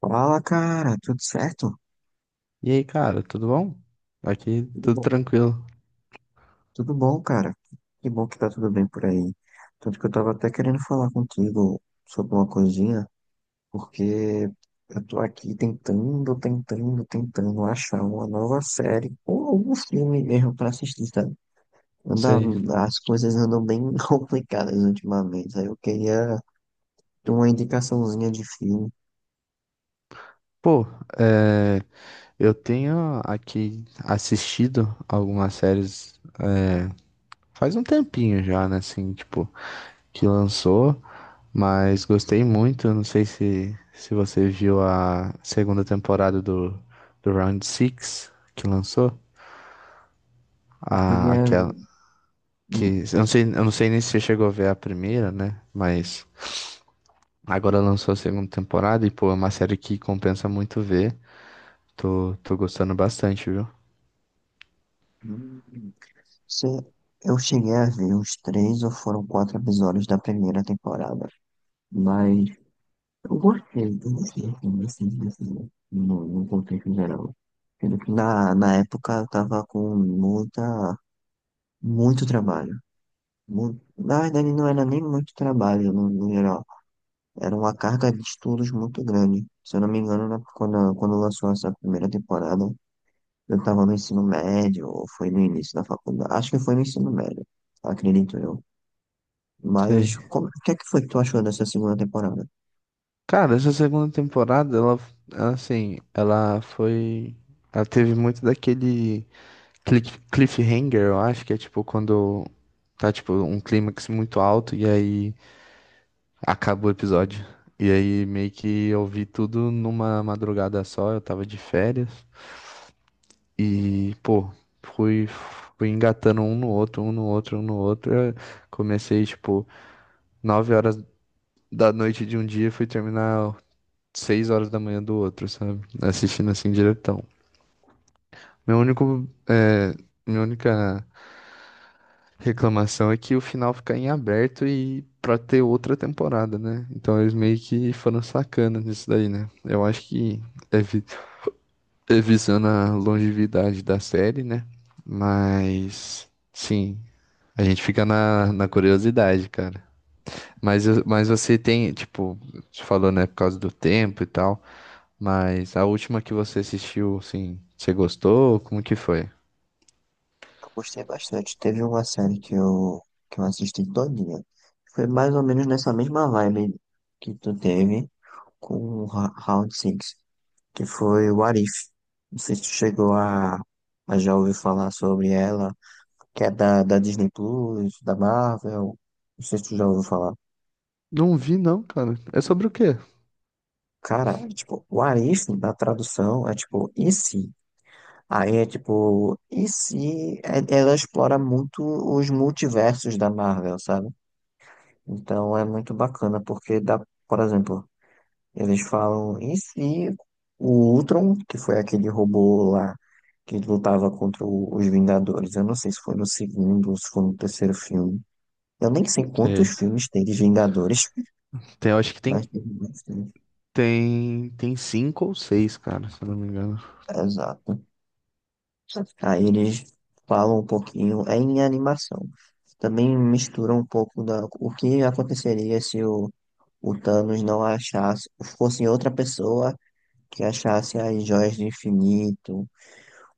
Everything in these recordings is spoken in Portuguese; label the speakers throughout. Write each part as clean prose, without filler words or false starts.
Speaker 1: Fala, cara, tudo certo?
Speaker 2: E aí, cara, tudo bom? Aqui
Speaker 1: Tudo
Speaker 2: tudo
Speaker 1: bom?
Speaker 2: tranquilo.
Speaker 1: Tudo bom, cara. Que bom que tá tudo bem por aí. Tanto que eu tava até querendo falar contigo sobre uma coisinha, porque eu tô aqui tentando achar uma nova série ou algum filme mesmo pra assistir, sabe? Anda,
Speaker 2: Sei.
Speaker 1: as coisas andam bem complicadas ultimamente. Aí eu queria ter uma indicaçãozinha de filme.
Speaker 2: Pô, é, eu tenho aqui assistido algumas séries faz um tempinho já, né? Assim, tipo, que lançou, mas gostei muito. Não sei se você viu a segunda temporada do Round Six que lançou.
Speaker 1: Eu
Speaker 2: A,
Speaker 1: queria.
Speaker 2: aquela
Speaker 1: Hum,
Speaker 2: que eu não sei nem se você chegou a ver a primeira, né? Mas agora lançou a segunda temporada e, pô, é uma série que compensa muito ver. Tô gostando bastante, viu?
Speaker 1: hum. hum. Sim, eu cheguei a ver os três ou foram quatro episódios da primeira temporada, mas eu gostei assim, desse, desse, no, no contexto geral. Sendo que na época eu tava com muito trabalho. Muito, na verdade não era nem muito trabalho no geral, era uma carga de estudos muito grande. Se eu não me engano, quando, quando lançou essa primeira temporada, eu tava no ensino médio, ou foi no início da faculdade, acho que foi no ensino médio, acredito eu.
Speaker 2: Sei.
Speaker 1: O que é que foi que tu achou dessa segunda temporada?
Speaker 2: Cara, essa segunda temporada, ela, assim, ela foi. Ela teve muito daquele cliffhanger, eu acho, que é tipo quando tá, tipo, um clímax muito alto e aí acaba o episódio. E aí meio que eu vi tudo numa madrugada só, eu tava de férias. E, pô, fui, fui engatando um no outro, um no outro, um no outro. Eu comecei, tipo, 9h da noite de um dia e fui terminar 6h da manhã do outro, sabe? Assistindo assim diretão. Meu único, é, minha única reclamação é que o final fica em aberto e pra ter outra temporada, né? Então eles meio que foram sacana nisso daí, né? Eu acho que é, vi- é visando a longevidade da série, né? Mas, sim, a gente fica na curiosidade, cara. Mas você tem, tipo, você falou, né, por causa do tempo e tal. Mas a última que você assistiu, assim, você gostou? Como que foi?
Speaker 1: Eu gostei bastante. Teve uma série que eu assisti todinha. Foi mais ou menos nessa mesma vibe que tu teve com o Round Six, que foi o Arif. Não sei se tu chegou a já ouvir falar sobre ela, que é da Disney Plus, da Marvel. Não sei se tu já ouviu falar.
Speaker 2: Não vi, não, cara. É sobre o quê?
Speaker 1: Cara, é tipo, o Arif, na tradução, é tipo, e se? Aí é tipo, e se é- ela explora muito os multiversos da Marvel, sabe? Então é muito bacana, porque dá, por exemplo, eles falam, e se o Ultron, que foi aquele robô lá que lutava os Vingadores, eu não sei se foi no segundo ou se foi no terceiro filme. Eu nem sei quantos
Speaker 2: Sei.
Speaker 1: filmes tem de Vingadores,
Speaker 2: Tem, eu acho que tem,
Speaker 1: mas tem bastante.
Speaker 2: tem, tem cinco ou seis, cara, se eu não me engano.
Speaker 1: Exato. Aí eles falam um pouquinho, é em animação. Também misturam um pouco o que aconteceria se o Thanos não achasse, fosse outra pessoa que achasse as joias do infinito.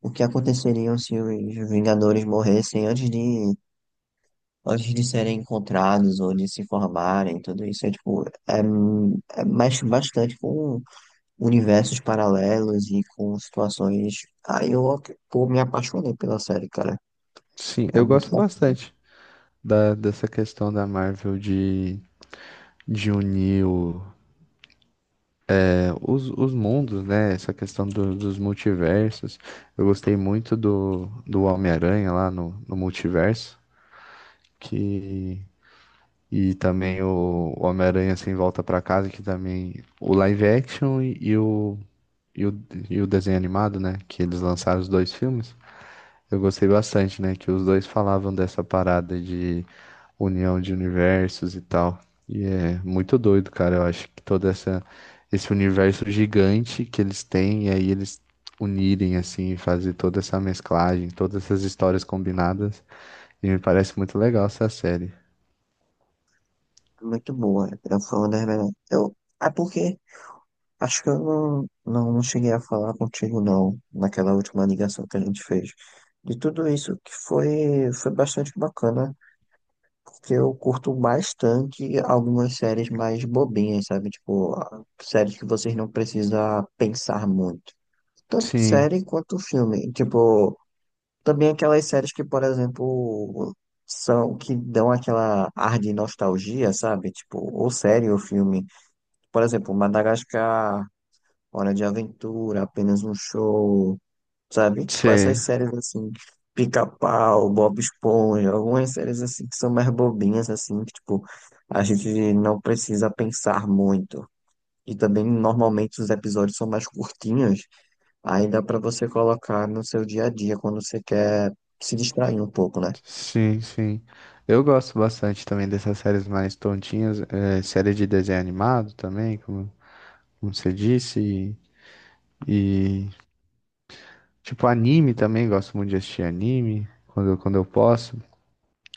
Speaker 1: O que aconteceria se os Vingadores morressem antes de serem encontrados ou de se formarem, tudo isso é tipo, é, é mais, bastante com universos paralelos e com situações. Aí eu, pô, me apaixonei pela série, cara.
Speaker 2: Sim,
Speaker 1: É
Speaker 2: eu
Speaker 1: muito
Speaker 2: gosto
Speaker 1: bom,
Speaker 2: bastante. Dessa questão da Marvel de unir os mundos, né? Essa questão dos multiversos. Eu gostei muito do Homem-Aranha lá no multiverso. Que E também o Homem-Aranha Sem Volta pra Casa, que também. O live action e, o, e o desenho animado, né? Que eles lançaram os dois filmes. Eu gostei bastante, né? Que os dois falavam dessa parada de união de universos e tal. E é muito doido, cara. Eu acho que esse universo gigante que eles têm, e aí eles unirem, assim, e fazer toda essa mesclagem, todas essas histórias combinadas. E me parece muito legal essa série.
Speaker 1: muito boa. Eu, foi uma das melhores. Eu, é porque acho que eu não cheguei a falar contigo, não, naquela última ligação que a gente fez. De tudo isso foi bastante bacana, porque eu curto bastante algumas séries mais bobinhas, sabe? Tipo, séries que vocês não precisam pensar muito. Tanto
Speaker 2: Sim.
Speaker 1: série quanto filme. Tipo, também aquelas séries que, por exemplo, são que dão aquela ar de nostalgia, sabe? Tipo, ou série ou filme. Por exemplo, Madagascar, Hora de Aventura, Apenas um Show, sabe? Tipo, essas
Speaker 2: Sim.
Speaker 1: séries assim, Pica-Pau, Bob Esponja, algumas séries assim que são mais bobinhas, assim, que tipo, a gente não precisa pensar muito. E também, normalmente, os episódios são mais curtinhos. Aí dá pra você colocar no seu dia a dia quando você quer se distrair um pouco, né?
Speaker 2: Sim, sim. Eu gosto bastante também dessas séries mais tontinhas, série de desenho animado também, como você disse, e, tipo anime também, gosto muito de assistir anime quando eu posso.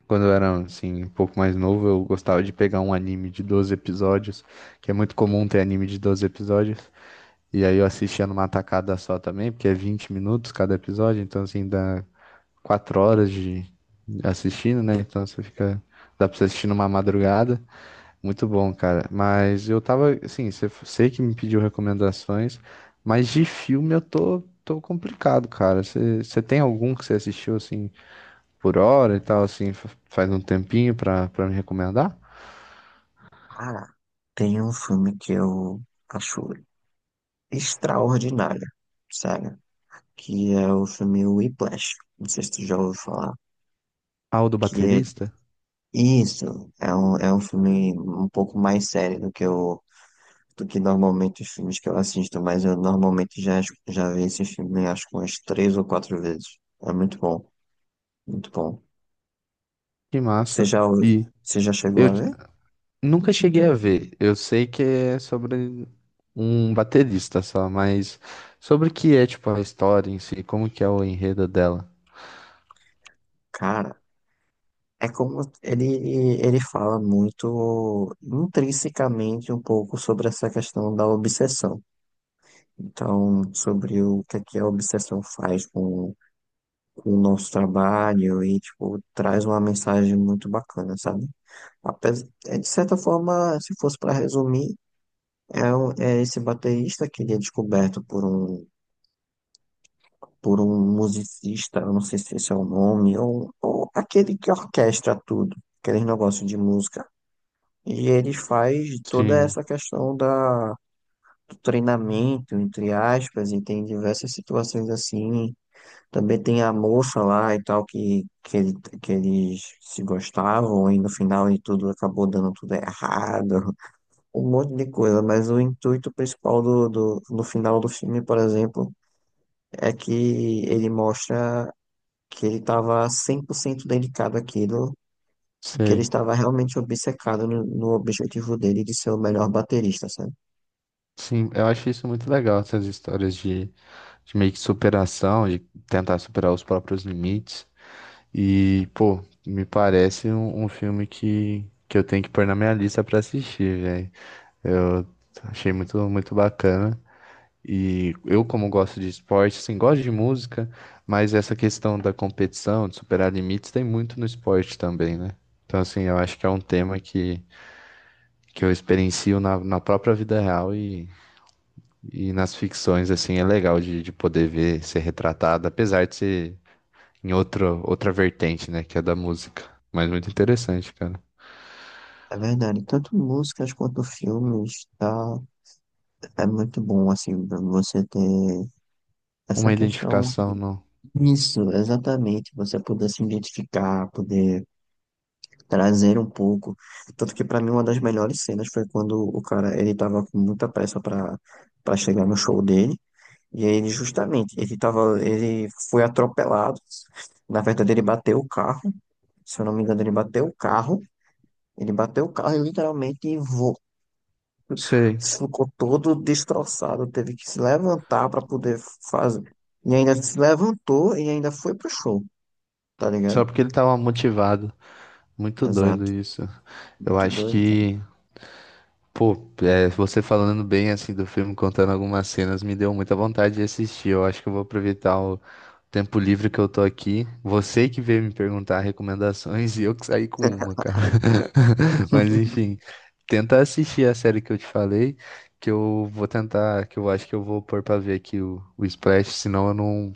Speaker 2: Quando eu era assim, um pouco mais novo, eu gostava de pegar um anime de 12 episódios, que é muito comum ter anime de 12 episódios. E aí eu assistia numa tacada só também, porque é 20 minutos cada episódio, então assim dá 4 horas de, assistindo, né? Então você fica. Dá pra você assistir numa madrugada. Muito bom, cara. Mas eu tava, assim, você sei que me pediu recomendações, mas de filme eu tô complicado, cara. Você tem algum que você assistiu, assim, por hora e tal, assim, faz um tempinho pra me recomendar?
Speaker 1: Cara, tem um filme que eu acho extraordinário, sério, que é o filme Whiplash. Não sei se tu já ouviu falar.
Speaker 2: Ah, o do
Speaker 1: Que é
Speaker 2: baterista?
Speaker 1: isso, é um filme um pouco mais sério do que eu, do que normalmente os filmes que eu assisto, mas eu normalmente já vi esse filme acho que umas três ou quatro vezes. É muito bom, muito bom.
Speaker 2: Que
Speaker 1: Você
Speaker 2: massa.
Speaker 1: já, ouviu-
Speaker 2: E
Speaker 1: você já chegou
Speaker 2: eu
Speaker 1: a ver?
Speaker 2: nunca cheguei a ver. Eu sei que é sobre um baterista só, mas sobre o que é, tipo, a história em si, como que é o enredo dela?
Speaker 1: Cara. É como ele fala muito intrinsecamente um pouco sobre essa questão da obsessão. Então, sobre o que é que a obsessão faz com o nosso trabalho e, tipo, traz uma mensagem muito bacana, sabe? Apesar, de certa forma, se fosse para resumir, é, é esse baterista que ele é descoberto por um musicista, eu não sei se esse é o nome, ou aquele que orquestra tudo, aqueles negócios de música. E ele faz toda
Speaker 2: Sim,
Speaker 1: essa questão do treinamento, entre aspas, e tem diversas situações assim. Também tem a moça lá e tal, que eles se gostavam, e no final de tudo acabou dando tudo errado, um monte de coisa. Mas o intuito principal no final do filme, por exemplo, é que ele mostra que ele estava 100% dedicado àquilo. E que ele
Speaker 2: sei.
Speaker 1: estava realmente obcecado no objetivo dele de ser o melhor baterista, sabe?
Speaker 2: Sim, eu acho isso muito legal, essas histórias de, meio que superação, de tentar superar os próprios limites. E, pô, me parece um filme que eu tenho que pôr na minha lista pra assistir, velho. Eu achei muito, muito bacana. E eu, como gosto de esporte, assim, gosto de música, mas essa questão da competição, de superar limites, tem muito no esporte também, né? Então, assim, eu acho que é um tema que eu experiencio na própria vida real e. E nas ficções, assim, é legal de poder ver ser retratado, apesar de ser em outra vertente, né, que é da música. Mas muito interessante, cara.
Speaker 1: É verdade, tanto músicas quanto filmes, tá, é muito bom, assim, pra você ter essa
Speaker 2: Uma
Speaker 1: questão.
Speaker 2: identificação, não.
Speaker 1: Isso, exatamente, você poder se identificar, poder trazer um pouco. Tanto que pra mim uma das melhores cenas foi quando o cara, ele tava com muita pressa pra para chegar no show dele, e aí ele justamente, ele foi atropelado. Na verdade, ele bateu o carro, se eu não me engano, ele bateu o carro e literalmente
Speaker 2: Sei.
Speaker 1: ficou todo destroçado, teve que se levantar para poder fazer. E ainda se levantou e ainda foi pro show, tá
Speaker 2: Só
Speaker 1: ligado?
Speaker 2: porque ele tava motivado. Muito doido
Speaker 1: Exato.
Speaker 2: isso. Eu
Speaker 1: Muito
Speaker 2: acho
Speaker 1: doido,
Speaker 2: que Pô, é, você falando bem assim do filme, contando algumas cenas, me deu muita vontade de assistir. Eu acho que eu vou aproveitar o tempo livre que eu tô aqui. Você que veio me perguntar recomendações e eu que saí com uma,
Speaker 1: cara.
Speaker 2: cara. Mas enfim, tenta assistir a série que eu te falei, que eu vou tentar, que eu acho que eu vou pôr pra ver aqui o Splash, senão eu não,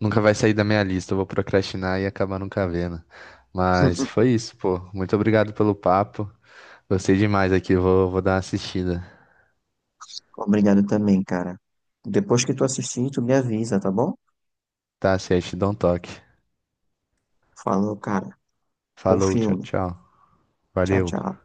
Speaker 2: nunca vai sair da minha lista. Eu vou procrastinar e acabar nunca vendo. Mas foi isso, pô. Muito obrigado pelo papo. Gostei demais aqui, vou dar uma assistida.
Speaker 1: Obrigado também, cara. Depois que tu assistir, tu me avisa, tá bom?
Speaker 2: Tá certo, te dou um toque.
Speaker 1: Falou, cara. Bom
Speaker 2: Falou, tchau,
Speaker 1: filme.
Speaker 2: tchau.
Speaker 1: Tchau,
Speaker 2: Valeu.
Speaker 1: tchau.